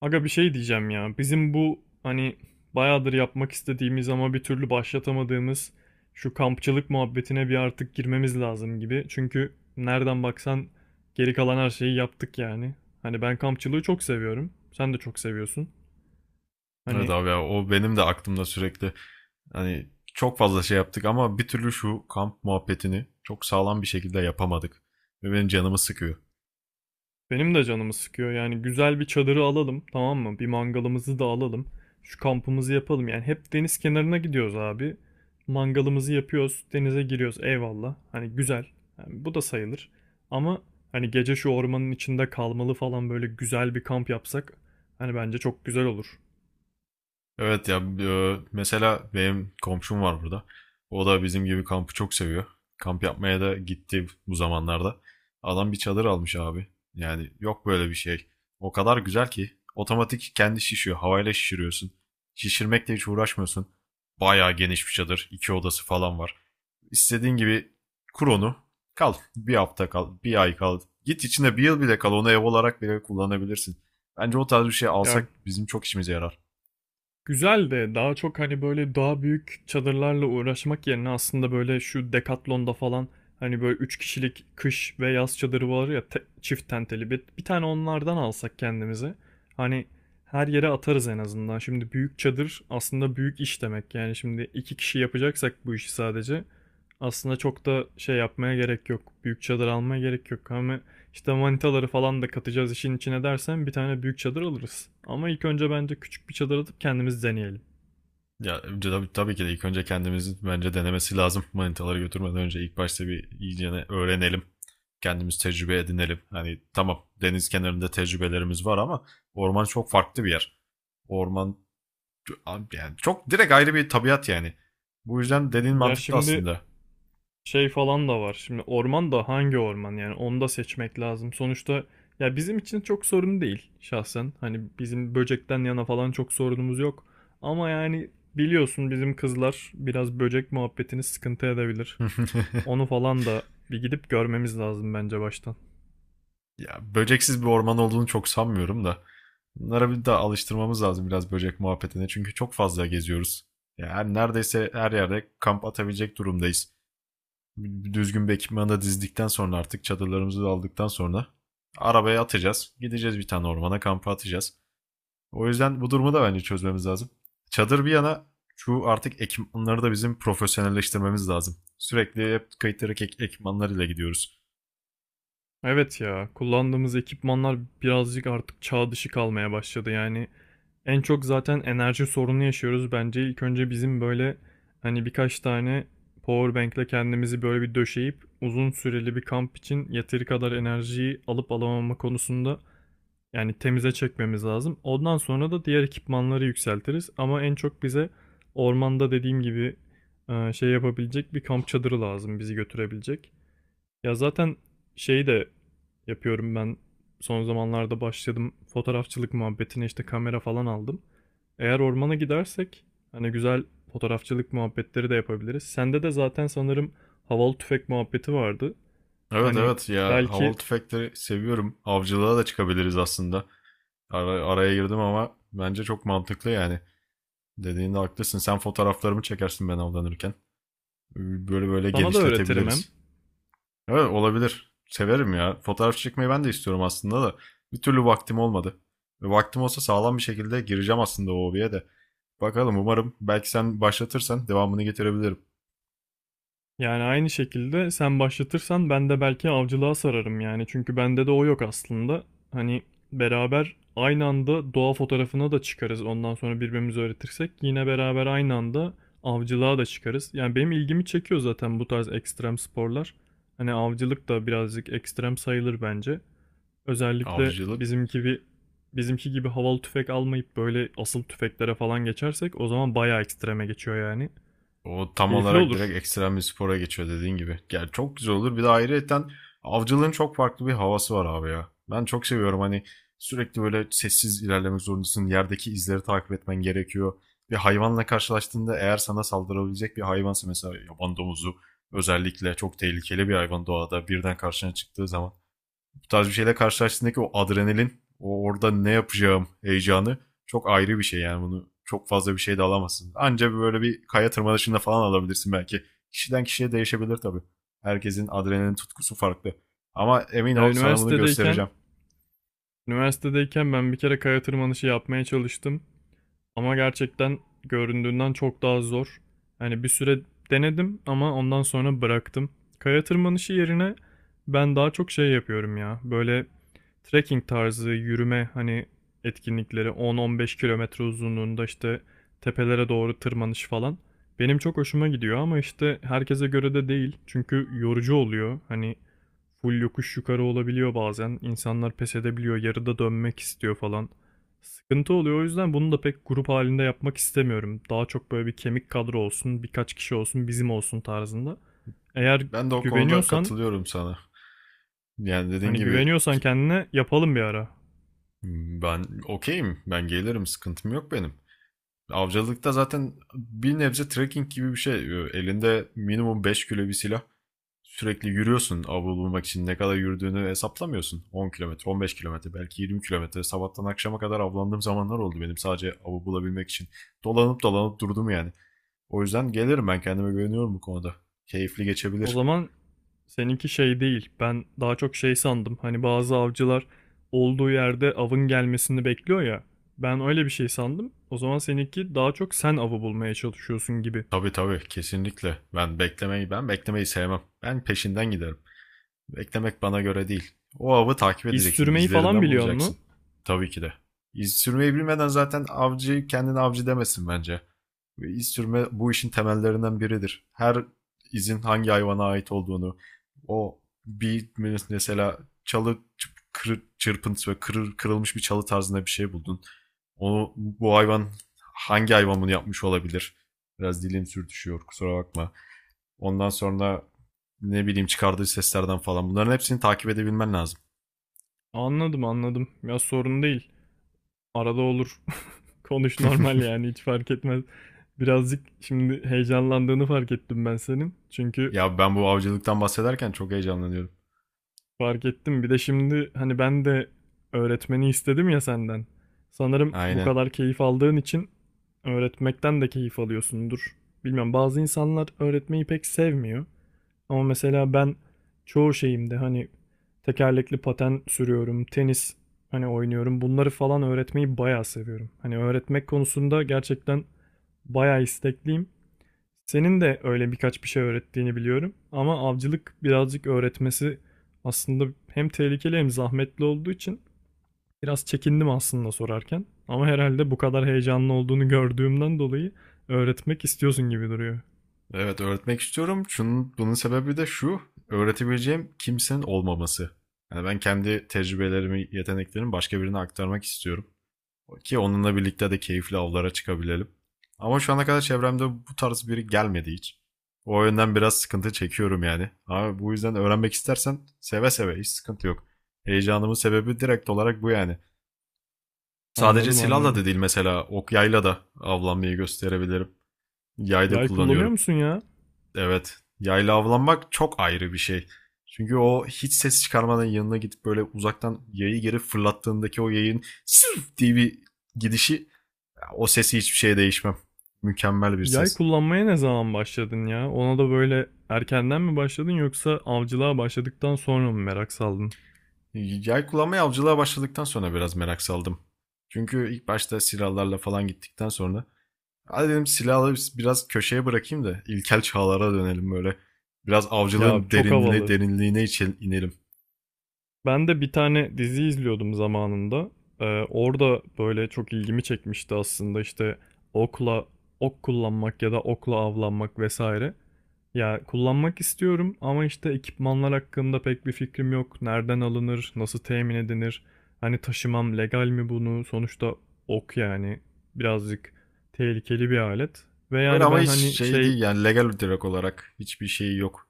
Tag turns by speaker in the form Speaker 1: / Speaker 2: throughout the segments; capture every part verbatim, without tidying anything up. Speaker 1: Aga bir şey diyeceğim ya. Bizim bu hani bayağıdır yapmak istediğimiz ama bir türlü başlatamadığımız şu kampçılık muhabbetine bir artık girmemiz lazım gibi. Çünkü nereden baksan geri kalan her şeyi yaptık yani. Hani ben kampçılığı çok seviyorum. Sen de çok seviyorsun.
Speaker 2: Evet
Speaker 1: Hani.
Speaker 2: abi ya, o benim de aklımda sürekli. Hani çok fazla şey yaptık ama bir türlü şu kamp muhabbetini çok sağlam bir şekilde yapamadık. Ve benim canımı sıkıyor.
Speaker 1: Benim de canımı sıkıyor. Yani güzel bir çadırı alalım, tamam mı? Bir mangalımızı da alalım. Şu kampımızı yapalım. Yani hep deniz kenarına gidiyoruz abi. Mangalımızı yapıyoruz, denize giriyoruz. Eyvallah. Hani güzel. Yani bu da sayılır. Ama hani gece şu ormanın içinde kalmalı falan böyle güzel bir kamp yapsak hani bence çok güzel olur.
Speaker 2: Evet ya e, mesela benim komşum var burada. O da bizim gibi kampı çok seviyor. Kamp yapmaya da gitti bu zamanlarda. Adam bir çadır almış abi. Yani yok böyle bir şey. O kadar güzel ki otomatik kendi şişiyor. Havayla şişiriyorsun. Şişirmekle hiç uğraşmıyorsun. Bayağı geniş bir çadır. İki odası falan var. İstediğin gibi kur onu. Kal. Bir hafta kal. Bir ay kal. Git içinde bir yıl bile kal. Onu ev olarak bile kullanabilirsin. Bence o tarz bir şey
Speaker 1: Ya,
Speaker 2: alsak bizim çok işimize yarar.
Speaker 1: güzel de daha çok hani böyle daha büyük çadırlarla uğraşmak yerine aslında böyle şu Decathlon'da falan hani böyle üç kişilik kış ve yaz çadırı var ya te- çift tenteli bir, bir tane onlardan alsak kendimize. Hani her yere atarız en azından. Şimdi büyük çadır aslında büyük iş demek. Yani şimdi iki kişi yapacaksak bu işi sadece aslında çok da şey yapmaya gerek yok. Büyük çadır almaya gerek yok. Ama işte manitaları falan da katacağız işin içine dersen bir tane büyük çadır alırız. Ama ilk önce bence küçük bir çadır atıp kendimiz deneyelim.
Speaker 2: Ya önce tabii, tabii ki de ilk önce kendimizin bence denemesi lazım. Manitaları götürmeden önce ilk başta bir iyicene öğrenelim. Kendimiz tecrübe edinelim. Hani tamam, deniz kenarında tecrübelerimiz var ama orman çok farklı bir yer. Orman, yani çok direkt ayrı bir tabiat yani. Bu yüzden dediğin
Speaker 1: Ya
Speaker 2: mantıklı
Speaker 1: şimdi
Speaker 2: aslında.
Speaker 1: şey falan da var. Şimdi orman da hangi orman yani onu da seçmek lazım. Sonuçta ya bizim için çok sorun değil şahsen. Hani bizim böcekten yana falan çok sorunumuz yok. Ama yani biliyorsun bizim kızlar biraz böcek muhabbetini sıkıntı edebilir. Onu falan da bir gidip görmemiz lazım bence baştan.
Speaker 2: Ya böceksiz bir orman olduğunu çok sanmıyorum da. Bunlara bir daha alıştırmamız lazım biraz böcek muhabbetine. Çünkü çok fazla geziyoruz. Yani neredeyse her yerde kamp atabilecek durumdayız. Düzgün bir ekipmanı da dizdikten sonra, artık çadırlarımızı da aldıktan sonra arabaya atacağız. Gideceğiz bir tane ormana kampa atacağız. O yüzden bu durumu da bence çözmemiz lazım. Çadır bir yana, şu artık ekipmanları da bizim profesyonelleştirmemiz lazım. Sürekli hep kayıtları ek ekipmanlarıyla gidiyoruz.
Speaker 1: Evet ya, kullandığımız ekipmanlar birazcık artık çağ dışı kalmaya başladı. Yani en çok zaten enerji sorunu yaşıyoruz. Bence ilk önce bizim böyle hani birkaç tane power bank'le kendimizi böyle bir döşeyip uzun süreli bir kamp için yeteri kadar enerjiyi alıp alamama konusunda yani temize çekmemiz lazım. Ondan sonra da diğer ekipmanları yükseltiriz. Ama en çok bize ormanda dediğim gibi e, şey yapabilecek bir kamp çadırı lazım bizi götürebilecek. Ya zaten şeyi de yapıyorum ben, son zamanlarda başladım fotoğrafçılık muhabbetine, işte kamera falan aldım. Eğer ormana gidersek hani güzel fotoğrafçılık muhabbetleri de yapabiliriz. Sende de zaten sanırım havalı tüfek muhabbeti vardı.
Speaker 2: Evet
Speaker 1: Hani
Speaker 2: evet ya, havalı
Speaker 1: belki
Speaker 2: tüfekleri seviyorum. Avcılığa da çıkabiliriz aslında. Ara- araya girdim ama bence çok mantıklı yani. Dediğinde haklısın. Sen fotoğraflarımı çekersin ben avlanırken. Böyle böyle
Speaker 1: sana da öğretirim hem.
Speaker 2: genişletebiliriz. Evet, olabilir. Severim ya. Fotoğraf çekmeyi ben de istiyorum aslında da. Bir türlü vaktim olmadı. Ve vaktim olsa sağlam bir şekilde gireceğim aslında o hobiye de. Bakalım, umarım belki sen başlatırsan devamını getirebilirim.
Speaker 1: Yani aynı şekilde sen başlatırsan ben de belki avcılığa sararım yani. Çünkü bende de o yok aslında. Hani beraber aynı anda doğa fotoğrafına da çıkarız. Ondan sonra birbirimize öğretirsek yine beraber aynı anda avcılığa da çıkarız. Yani benim ilgimi çekiyor zaten bu tarz ekstrem sporlar. Hani avcılık da birazcık ekstrem sayılır bence. Özellikle
Speaker 2: Avcılık.
Speaker 1: bizimki bir bizimki gibi havalı tüfek almayıp böyle asıl tüfeklere falan geçersek o zaman bayağı ekstreme geçiyor yani.
Speaker 2: O tam
Speaker 1: Keyifli
Speaker 2: olarak
Speaker 1: olur.
Speaker 2: direkt ekstrem bir spora geçiyor dediğin gibi. Yani çok güzel olur. Bir de ayrıyeten avcılığın çok farklı bir havası var abi ya. Ben çok seviyorum. Hani sürekli böyle sessiz ilerlemek zorundasın. Yerdeki izleri takip etmen gerekiyor. Bir hayvanla karşılaştığında, eğer sana saldırabilecek bir hayvansa, mesela yaban domuzu özellikle çok tehlikeli bir hayvan, doğada birden karşına çıktığı zaman bu tarz bir şeyle karşılaştığındaki o adrenalin, o orada ne yapacağım heyecanı çok ayrı bir şey yani. Bunu çok fazla bir şey de alamazsın. Anca böyle bir kaya tırmanışında falan alabilirsin belki. Kişiden kişiye değişebilir tabii. Herkesin adrenalin tutkusu farklı. Ama emin
Speaker 1: Ya,
Speaker 2: ol, sana bunu
Speaker 1: üniversitedeyken
Speaker 2: göstereceğim.
Speaker 1: Üniversitedeyken ben bir kere kaya tırmanışı yapmaya çalıştım. Ama gerçekten göründüğünden çok daha zor. Hani bir süre denedim ama ondan sonra bıraktım. Kaya tırmanışı yerine ben daha çok şey yapıyorum ya. Böyle trekking tarzı yürüme hani etkinlikleri, on on beş kilometre uzunluğunda işte tepelere doğru tırmanış falan. Benim çok hoşuma gidiyor ama işte herkese göre de değil. Çünkü yorucu oluyor. Hani full yokuş yukarı olabiliyor bazen. İnsanlar pes edebiliyor, yarıda dönmek istiyor falan. Sıkıntı oluyor, o yüzden bunu da pek grup halinde yapmak istemiyorum. Daha çok böyle bir kemik kadro olsun, birkaç kişi olsun, bizim olsun tarzında. Eğer
Speaker 2: Ben de o konuda
Speaker 1: güveniyorsan,
Speaker 2: katılıyorum sana. Yani dediğin
Speaker 1: hani
Speaker 2: gibi,
Speaker 1: güveniyorsan kendine, yapalım bir ara.
Speaker 2: ben okeyim. Ben gelirim. Sıkıntım yok benim. Avcılıkta zaten bir nebze trekking gibi bir şey. Elinde minimum beş kilo bir silah. Sürekli yürüyorsun, avlu bulmak için ne kadar yürüdüğünü hesaplamıyorsun. on kilometre, on beş kilometre, belki yirmi kilometre. Sabahtan akşama kadar avlandığım zamanlar oldu benim sadece avı bulabilmek için. Dolanıp dolanıp durdum yani. O yüzden gelirim, ben kendime güveniyorum bu konuda. Keyifli
Speaker 1: O
Speaker 2: geçebilir.
Speaker 1: zaman seninki şey değil. Ben daha çok şey sandım. Hani bazı avcılar olduğu yerde avın gelmesini bekliyor ya. Ben öyle bir şey sandım. O zaman seninki daha çok sen avı bulmaya çalışıyorsun gibi.
Speaker 2: Tabii, tabii, kesinlikle. Ben beklemeyi ben beklemeyi sevmem. Ben peşinden giderim. Beklemek bana göre değil. O avı takip
Speaker 1: İz
Speaker 2: edeceksin.
Speaker 1: sürmeyi falan
Speaker 2: İzlerinden
Speaker 1: biliyor
Speaker 2: bulacaksın.
Speaker 1: mu?
Speaker 2: Tabii ki de. İz sürmeyi bilmeden zaten avcı kendini avcı demesin bence. Ve iz sürme bu işin temellerinden biridir. Her izin hangi hayvana ait olduğunu, o bir mesela çalı çırp- çırpıntısı ve kırır, kırılmış bir çalı tarzında bir şey buldun. Onu bu hayvan Hangi hayvan bunu yapmış olabilir? Biraz dilim sürtüşüyor, kusura bakma. Ondan sonra ne bileyim, çıkardığı seslerden falan bunların hepsini takip edebilmen lazım.
Speaker 1: Anladım anladım. Ya sorun değil. Arada olur. Konuş normal, yani hiç fark etmez. Birazcık şimdi heyecanlandığını fark ettim ben senin. Çünkü
Speaker 2: Ya ben bu avcılıktan bahsederken çok heyecanlanıyorum.
Speaker 1: fark ettim. Bir de şimdi hani ben de öğretmeni istedim ya senden. Sanırım bu
Speaker 2: Aynen.
Speaker 1: kadar keyif aldığın için öğretmekten de keyif alıyorsundur. Bilmem, bazı insanlar öğretmeyi pek sevmiyor. Ama mesela ben çoğu şeyimde hani tekerlekli paten sürüyorum, tenis hani oynuyorum. Bunları falan öğretmeyi bayağı seviyorum. Hani öğretmek konusunda gerçekten bayağı istekliyim. Senin de öyle birkaç bir şey öğrettiğini biliyorum ama avcılık birazcık öğretmesi aslında hem tehlikeli hem zahmetli olduğu için biraz çekindim aslında sorarken. Ama herhalde bu kadar heyecanlı olduğunu gördüğümden dolayı öğretmek istiyorsun gibi duruyor.
Speaker 2: Evet, öğretmek istiyorum. Şunun, bunun sebebi de şu. Öğretebileceğim kimsenin olmaması. Yani ben kendi tecrübelerimi, yeteneklerimi başka birine aktarmak istiyorum. Ki onunla birlikte de keyifli avlara çıkabilelim. Ama şu ana kadar çevremde bu tarz biri gelmedi hiç. O yönden biraz sıkıntı çekiyorum yani. Abi, bu yüzden öğrenmek istersen seve seve, hiç sıkıntı yok. Heyecanımın sebebi direkt olarak bu yani. Sadece
Speaker 1: Anladım
Speaker 2: silahla
Speaker 1: anladım.
Speaker 2: da değil, mesela ok yayla da avlanmayı gösterebilirim. Yay da
Speaker 1: Yay kullanıyor
Speaker 2: kullanıyorum.
Speaker 1: musun ya?
Speaker 2: Evet, yayla avlanmak çok ayrı bir şey. Çünkü o hiç ses çıkarmadan yanına gidip böyle uzaktan yayı geri fırlattığındaki o yayın sırf diye bir gidişi, o sesi hiçbir şeye değişmem. Mükemmel bir
Speaker 1: Yay
Speaker 2: ses.
Speaker 1: kullanmaya ne zaman başladın ya? Ona da böyle erkenden mi başladın yoksa avcılığa başladıktan sonra mı merak saldın?
Speaker 2: Yay kullanmaya avcılığa başladıktan sonra biraz merak saldım. Çünkü ilk başta silahlarla falan gittikten sonra hadi dedim, silahları biraz köşeye bırakayım da ilkel çağlara dönelim böyle. Biraz
Speaker 1: Ya
Speaker 2: avcılığın
Speaker 1: çok
Speaker 2: derinliği
Speaker 1: havalı.
Speaker 2: derinliğine inelim.
Speaker 1: Ben de bir tane dizi izliyordum zamanında. Ee, orada böyle çok ilgimi çekmişti aslında işte okla ok kullanmak ya da okla avlanmak vesaire. Ya kullanmak istiyorum ama işte ekipmanlar hakkında pek bir fikrim yok. Nereden alınır, nasıl temin edilir? Hani taşımam legal mi bunu? Sonuçta ok yani birazcık tehlikeli bir alet. Ve
Speaker 2: Öyle
Speaker 1: yani
Speaker 2: ama
Speaker 1: ben
Speaker 2: hiç
Speaker 1: hani
Speaker 2: şey
Speaker 1: şey.
Speaker 2: değil yani, legal, direkt olarak hiçbir şey yok.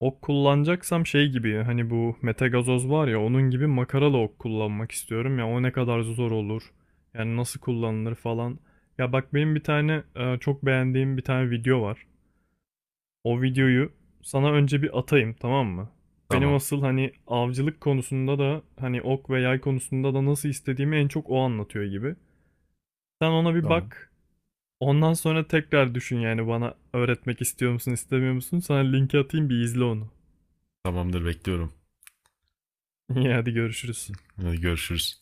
Speaker 1: Ok kullanacaksam şey gibi hani bu metagazoz var ya onun gibi makaralı ok kullanmak istiyorum ya, o ne kadar zor olur. Yani nasıl kullanılır falan. Ya bak, benim bir tane e, çok beğendiğim bir tane video var. O videoyu sana önce bir atayım, tamam mı? Benim
Speaker 2: Tamam.
Speaker 1: asıl hani avcılık konusunda da hani ok ve yay konusunda da nasıl istediğimi en çok o anlatıyor gibi. Sen ona bir
Speaker 2: Tamam.
Speaker 1: bak. Ondan sonra tekrar düşün yani, bana öğretmek istiyor musun istemiyor musun? Sana linki atayım, bir izle onu.
Speaker 2: Tamamdır, bekliyorum.
Speaker 1: İyi, hadi görüşürüz.
Speaker 2: Hadi görüşürüz.